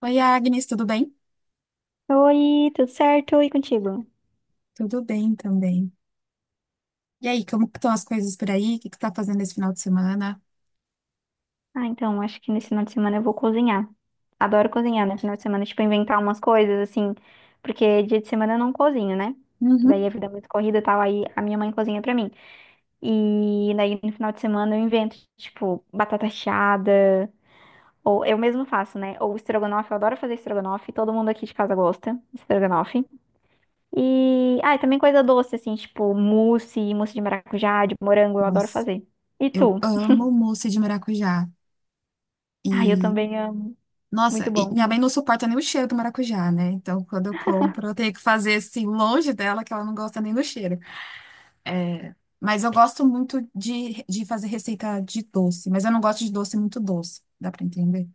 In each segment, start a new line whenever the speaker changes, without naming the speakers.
Oi, Agnes, tudo bem?
Oi, tudo certo? E contigo?
Tudo bem também. E aí, como que estão as coisas por aí? O que que está fazendo esse final de semana?
Ah, então, acho que nesse final de semana eu vou cozinhar. Adoro cozinhar no final de semana, tipo, inventar umas coisas, assim, porque dia de semana eu não cozinho, né? Daí a
Uhum.
vida é muito corrida e tal, aí a minha mãe cozinha pra mim. E daí no final de semana eu invento, tipo, batata chiada, ou eu mesmo faço, né? Ou estrogonofe, eu adoro fazer estrogonofe, todo mundo aqui de casa gosta de estrogonofe. E, ah, e também coisa doce, assim, tipo, mousse, mousse de maracujá, de morango, eu adoro
Nossa,
fazer. E
eu
tu?
amo mousse de maracujá. E,
Ah, eu também amo. Muito
nossa, e
bom.
minha mãe não suporta nem o cheiro do maracujá, né? Então, quando eu compro, eu tenho que fazer assim, longe dela, que ela não gosta nem do cheiro. É, mas eu gosto muito de fazer receita de doce, mas eu não gosto de doce muito doce, dá pra entender?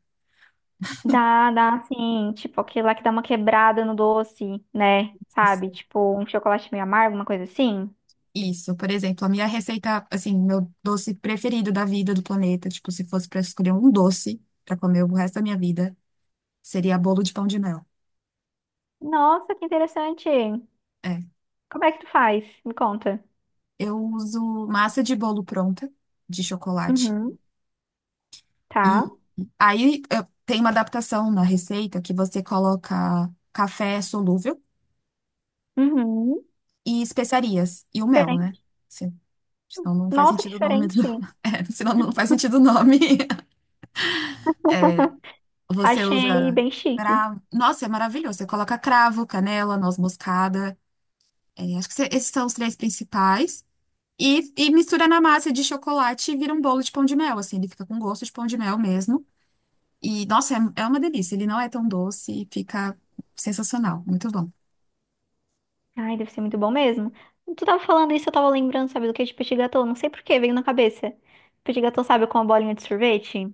Dá, dá, assim, tipo, aquele lá que dá uma quebrada no doce, né? Sabe? Tipo, um chocolate meio amargo, uma coisa assim.
Isso, por exemplo, a minha receita, assim, meu doce preferido da vida do planeta, tipo, se fosse pra escolher um doce pra comer o resto da minha vida, seria bolo de pão de mel.
Nossa, que interessante.
É.
Como é que tu faz? Me conta.
Eu uso massa de bolo pronta, de chocolate.
Uhum. Tá.
E Tem uma adaptação na receita que você coloca café solúvel
Uhum.
e especiarias e o mel, né?
Diferente.
Se- Senão não faz
Nossa, que
sentido o nome
diferente.
do... É, senão não faz sentido o nome. Você
Achei
usa
bem chique.
cravo. Nossa, é maravilhoso. Você coloca cravo, canela, noz moscada. É, acho que esses são os três principais. E mistura na massa de chocolate e vira um bolo de pão de mel, assim. Ele fica com gosto de pão de mel mesmo. E, nossa, é uma delícia. Ele não é tão doce e fica sensacional. Muito bom.
Ai, deve ser muito bom mesmo. Tu tava falando isso, eu tava lembrando, sabe, do que de petit gâteau. Não sei por que, veio na cabeça. Petit gâteau, sabe, com a bolinha de sorvete?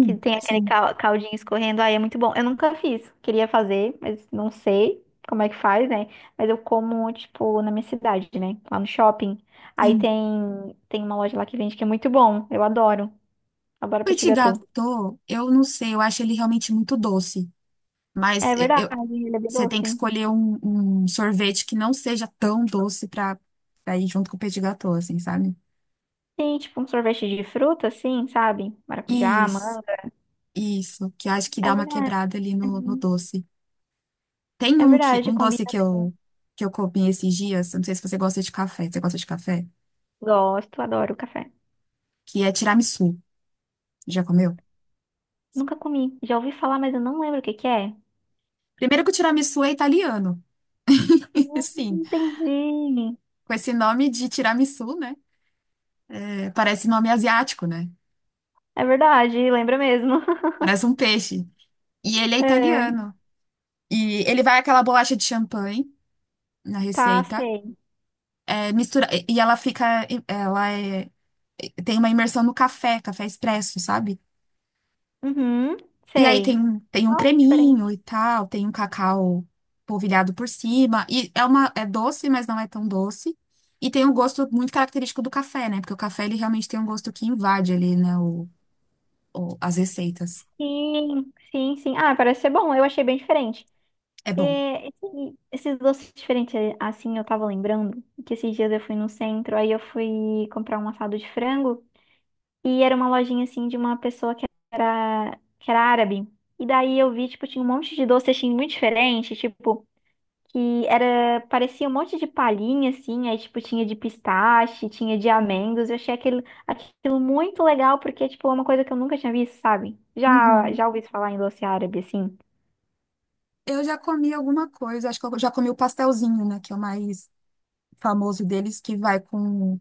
Que tem aquele
sim,
caldinho escorrendo. Ai, é muito bom. Eu nunca fiz. Queria fazer, mas não sei como é que faz, né? Mas eu como, tipo, na minha cidade, né? Lá no shopping. Aí
sim.
tem uma loja lá que vende que é muito bom. Eu adoro. Adoro petit
Petit
gâteau.
gâteau, eu não sei. Eu acho ele realmente muito doce.
É
Mas é, eu,
verdade, ele é bem
você tem
doce.
que escolher um sorvete que não seja tão doce pra ir junto com o petit gâteau, assim, sabe?
Sim, tipo um sorvete de fruta, assim, sabe? Maracujá,
Isso,
manga.
isso, que eu acho que
É
dá uma
verdade.
quebrada ali no doce. Tem
É verdade,
um doce
combina bem.
que eu comi esses dias, eu não sei se você gosta de café, você gosta de café?
Gosto, adoro café.
Que é tiramisu. Já comeu?
Nunca comi. Já ouvi falar, mas eu não lembro o que que é.
Primeiro que o tiramisu é italiano.
Hum,
Sim,
entendi.
com esse nome de tiramisu, né? É, parece nome asiático, né?
É verdade, lembra mesmo.
Parece um peixe. E ele é
É,
italiano. E ele vai aquela bolacha de champanhe na
tá,
receita.
sei.
É, mistura, e ela fica, ela é, tem uma imersão no café, café expresso, sabe?
Uhum,
E aí
sei.
tem, tem um
Nossa,
creminho
diferente.
e tal, tem um cacau polvilhado por cima, e é uma, é doce, mas não é tão doce, e tem um gosto muito característico do café, né? Porque o café, ele realmente tem um gosto que invade ali, né, as receitas.
Sim, sim, sim. Ah, parece ser bom. Eu achei bem diferente.
É bom.
É, esses doces diferentes, assim, eu tava lembrando que esses dias eu fui no centro, aí eu fui comprar um assado de frango. E era uma lojinha assim de uma pessoa que era árabe. E daí eu vi, tipo, tinha um monte de doce assim muito diferente, tipo, que era, parecia um monte de palhinha assim, aí tipo tinha de pistache, tinha de amêndoas. Eu achei aquilo, aquilo muito legal porque tipo é uma coisa que eu nunca tinha visto, sabe? Já
Uhum.
já ouvi falar em doce árabe assim.
Eu já comi alguma coisa, acho que eu já comi o pastelzinho, né, que é o mais famoso deles, que vai com...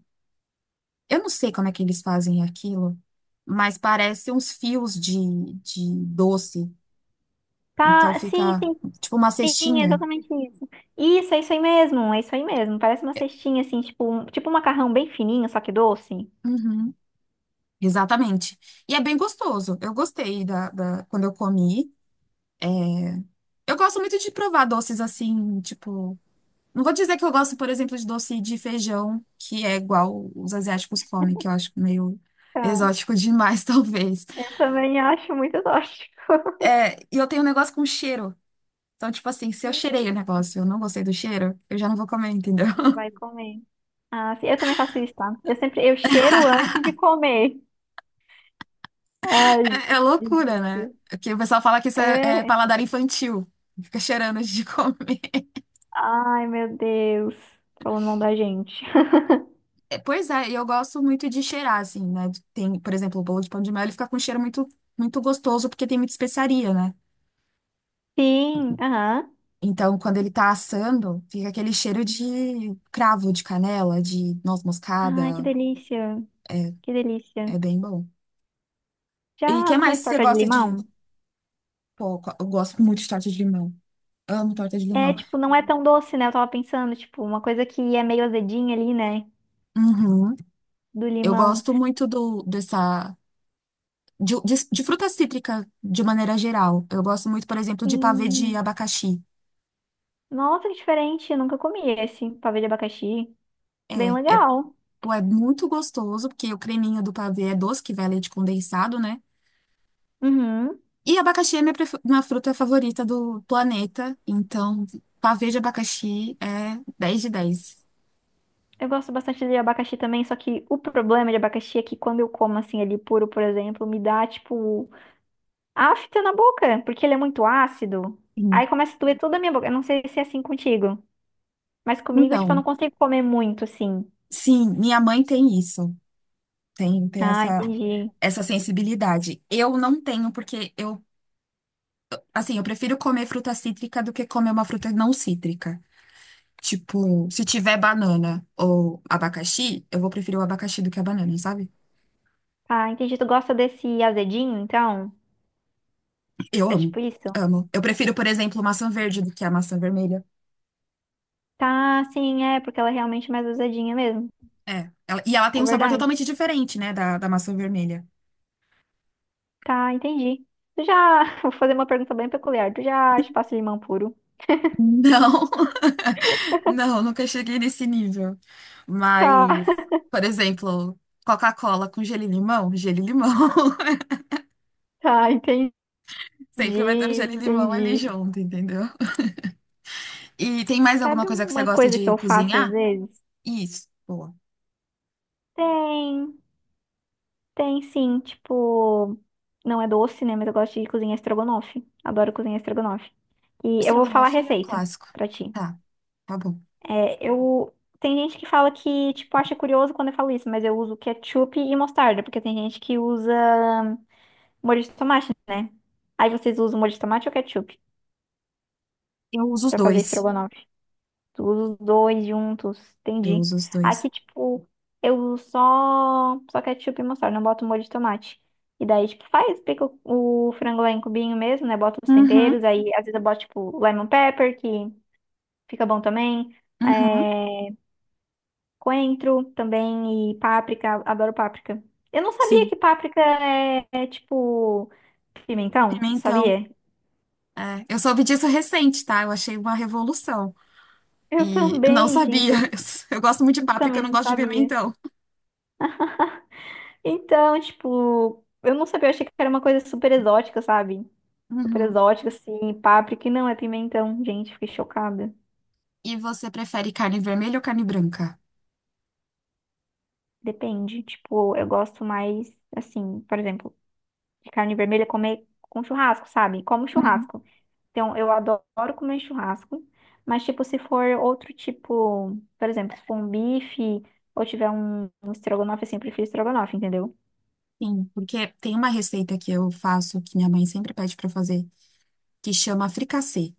Eu não sei como é que eles fazem aquilo, mas parece uns fios de doce. Então
Tá, sim,
fica
sim,
tipo uma
sim, é
cestinha.
exatamente isso. Isso, é isso aí mesmo, é isso aí mesmo. Parece uma cestinha assim, tipo, tipo um macarrão bem fininho, só que doce.
Uhum, exatamente. E é bem gostoso. Eu gostei quando eu comi. É, eu gosto muito de provar doces assim, tipo. Não vou dizer que eu gosto, por exemplo, de doce de feijão, que é igual os asiáticos comem, que eu acho meio exótico demais, talvez.
Eu também acho muito tóxico.
É, e eu tenho um negócio com cheiro. Então, tipo assim, se eu cheirei o negócio e eu não gostei do cheiro, eu já não vou comer, entendeu?
Vai comer. Ah, sim, eu também faço isso, tá? Eu sempre, eu cheiro antes de comer. Ai,
É, é loucura, né?
gente.
Porque o pessoal fala que isso é
É.
paladar infantil. Fica cheirando antes de comer.
Ai, meu Deus. Falando mal da gente.
É, pois é, e eu gosto muito de cheirar, assim, né? Tem, por exemplo, o bolo de pão de mel, ele fica com um cheiro muito gostoso, porque tem muita especiaria, né?
Sim, aham.
Então, quando ele tá assando, fica aquele cheiro de cravo, de canela, de noz
Ai, que
moscada.
delícia.
É,
Que delícia.
é bem bom. E o
Já
que mais
comeu
você
torta de
gosta de...
limão?
Pô, eu gosto muito de torta de limão. Amo torta de
É,
limão.
tipo, não é tão doce, né? Eu tava pensando, tipo, uma coisa que é meio azedinha ali, né?
Uhum.
Do
Eu
limão.
gosto muito dessa. De fruta cítrica, de maneira geral. Eu gosto muito, por exemplo, de pavê de
Sim.
abacaxi.
Nossa, que diferente. Eu nunca comi esse pavê de abacaxi. Bem
É, é,
legal.
pô, é muito gostoso, porque o creminho do pavê é doce, que vai leite condensado, né?
Uhum.
E abacaxi é minha fruta favorita do planeta. Então, pavê de abacaxi é dez de dez.
Eu gosto bastante de abacaxi também, só que o problema de abacaxi é que quando eu como assim ele puro, por exemplo, me dá tipo afta na boca, porque ele é muito ácido. Aí
Sim.
começa a doer toda a minha boca. Eu não sei se é assim contigo, mas comigo, tipo, eu
Então,
não consigo comer muito assim.
sim, minha mãe tem isso. Tem, tem
Ah,
essa,
entendi.
essa sensibilidade. Eu não tenho, porque eu... Assim, eu prefiro comer fruta cítrica do que comer uma fruta não cítrica. Tipo, se tiver banana ou abacaxi, eu vou preferir o abacaxi do que a banana, sabe?
Ah, entendi. Tu gosta desse azedinho, então?
Eu
É
amo,
tipo isso?
amo. Eu prefiro, por exemplo, maçã verde do que a maçã vermelha.
Tá, sim, é, porque ela é realmente mais azedinha mesmo.
É. Ela tem
É
um sabor
verdade.
totalmente diferente, né, da maçã vermelha.
Tá, entendi. Tu já. Vou fazer uma pergunta bem peculiar. Tu já chupasse limão puro?
Não, não, nunca cheguei nesse nível.
Tá.
Mas, por exemplo, Coca-Cola com gelo e limão, gelo e limão.
Tá, entendi.
Sempre vai ter o gelo e
Entendi,
limão ali
entendi.
junto, entendeu? E tem mais alguma
Sabe
coisa que você
uma
gosta
coisa que
de
eu faço às
cozinhar?
vezes?
Isso, boa.
Tem, tem sim, tipo, não é doce, né? Mas eu gosto de cozinhar estrogonofe. Adoro cozinhar estrogonofe. E eu vou falar a
Estrogonofe é um
receita
clássico.
pra ti.
Tá, tá bom.
É, eu Tem gente que fala que, tipo, acha curioso quando eu falo isso, mas eu uso ketchup e mostarda, porque tem gente que usa molho de tomate, né? Aí vocês usam molho de tomate ou ketchup
Eu uso os
pra fazer
dois.
estrogonofe? Os dois juntos,
Eu
entendi.
uso os dois.
Aqui, tipo, eu só ketchup e mostarda, não boto molho de tomate. E daí, tipo, faz, pica o frango lá em cubinho mesmo, né? Bota os temperos,
Uhum,
aí às vezes eu boto, tipo, lemon pepper, que fica bom também.
uhum,
É, coentro também e páprica, adoro páprica. Eu não sabia
sim.
que páprica é, tipo pimentão,
Pimentão.
sabia?
É, eu soube disso recente, tá? Eu achei uma revolução.
Eu
E não
também,
sabia.
gente,
Eu gosto muito de
eu
páprica, eu
também
não
não
gosto de
sabia.
pimentão.
Então, tipo, eu não sabia, eu achei que era uma coisa super exótica, sabe? Super
Uhum.
exótica, assim, páprica, e não, é pimentão. Gente, fiquei chocada.
E você prefere carne vermelha ou carne branca?
Depende, tipo, eu gosto mais, assim, por exemplo, de carne vermelha comer com churrasco, sabe? Como
Uhum.
churrasco. Então, eu adoro comer churrasco, mas, tipo, se for outro tipo, por exemplo, se for um bife ou tiver um estrogonofe, assim, eu prefiro estrogonofe, entendeu?
Sim, porque tem uma receita que eu faço, que minha mãe sempre pede pra eu fazer, que chama fricassê.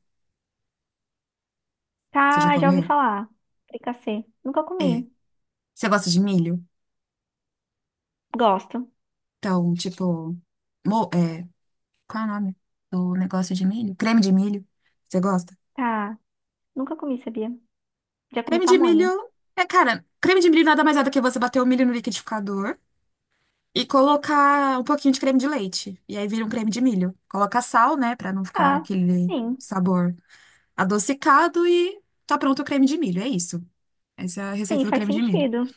Você já
Tá, já ouvi
comeu?
falar. Fricassê. Nunca
É.
comi.
Você gosta de milho?
Gosto.
Então, tipo, mo- é, qual é o nome do negócio de milho? Creme de milho. Você gosta?
Tá. Nunca comi, sabia? Já comi
Creme de
pamonha.
milho é, cara, creme de milho nada mais é do que você bater o milho no liquidificador e colocar um pouquinho de creme de leite. E aí vira um creme de milho. Coloca sal, né, pra não ficar
Tá,
aquele
sim.
sabor adocicado e tá pronto o creme de milho. É isso. Essa é a
Sim,
receita do
faz
creme de milho.
sentido.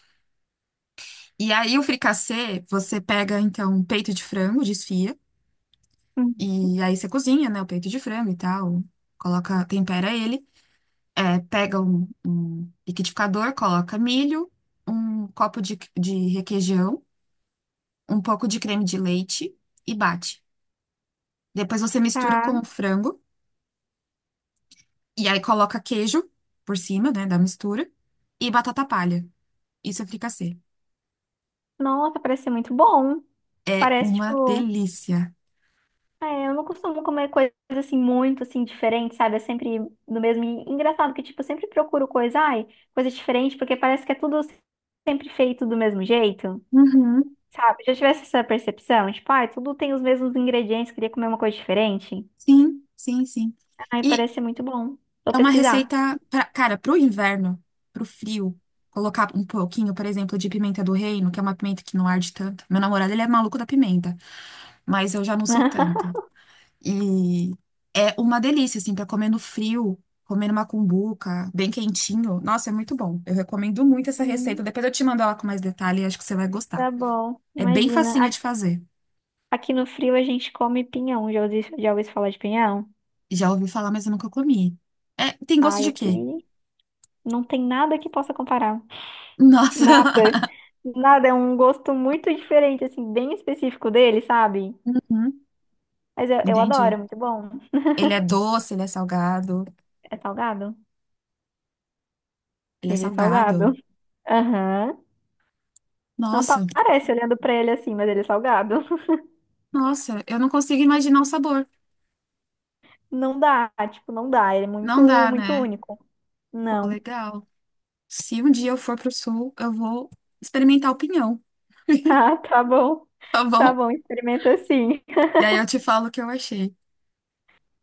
E aí o fricassê, você pega então um peito de frango, desfia.
Hum.
E aí você cozinha, né, o peito de frango e tal, coloca, tempera ele, é, pega um liquidificador, coloca milho, um copo de requeijão, um pouco de creme de leite e bate. Depois você mistura
Tá.
com o frango e aí coloca queijo por cima, né, da mistura e batata palha. Isso é fricassê.
Nossa, parece ser muito bom.
É
Parece,
uma
tipo...
delícia.
É, eu não costumo comer coisas, assim, muito, assim, diferentes, sabe? É sempre no mesmo... E engraçado que, tipo, eu sempre procuro coisa... Ai, coisa diferente, porque parece que é tudo sempre feito do mesmo jeito,
Uhum.
sabe? Já tivesse essa percepção? Tipo, ai, tudo tem os mesmos ingredientes, queria comer uma coisa diferente.
Sim, sim, sim.
Ai,
E
parece ser muito bom. Vou
é uma
pesquisar.
receita, pra, cara, pro inverno, pro frio, colocar um pouquinho, por exemplo, de pimenta do reino, que é uma pimenta que não arde tanto. Meu namorado, ele é maluco da pimenta, mas eu já não sou tanto. E é uma delícia, assim, pra comer no frio, comer numa cumbuca, bem quentinho. Nossa, é muito bom. Eu recomendo muito essa receita.
Hum,
Depois eu te mando ela com mais detalhe e acho que você vai gostar.
Tá bom,
É bem
imagina.
facinha de fazer.
Aqui no frio a gente come pinhão. Já ouvi falar de pinhão?
Já ouvi falar, mas eu nunca comi. É, tem gosto
Ai,
de quê?
aqui não tem nada que possa comparar.
Nossa.
Nada. Nada. É um gosto muito diferente, assim, bem específico dele, sabe?
Uhum,
Mas eu adoro,
entendi.
é muito bom.
Ele é doce, ele é salgado.
É salgado?
Ele é
Ele é salgado.
salgado.
Aham. Não pa-
Nossa,
parece olhando pra ele assim, mas ele é salgado.
nossa, eu não consigo imaginar o sabor.
Não dá, tipo, não dá. Ele é muito,
Não dá,
muito
né?
único.
Pô,
Não.
legal. Se um dia eu for pro sul, eu vou experimentar o pinhão,
Ah, tá bom.
tá
Tá
bom?
bom, experimenta assim.
E aí eu te falo o que eu achei,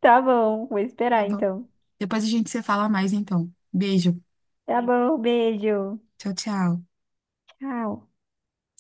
Tá bom, vou
tá
esperar
bom?
então.
Depois a gente se fala mais, então. Beijo.
Tá bom, beijo.
Tchau, tchau.
Tchau.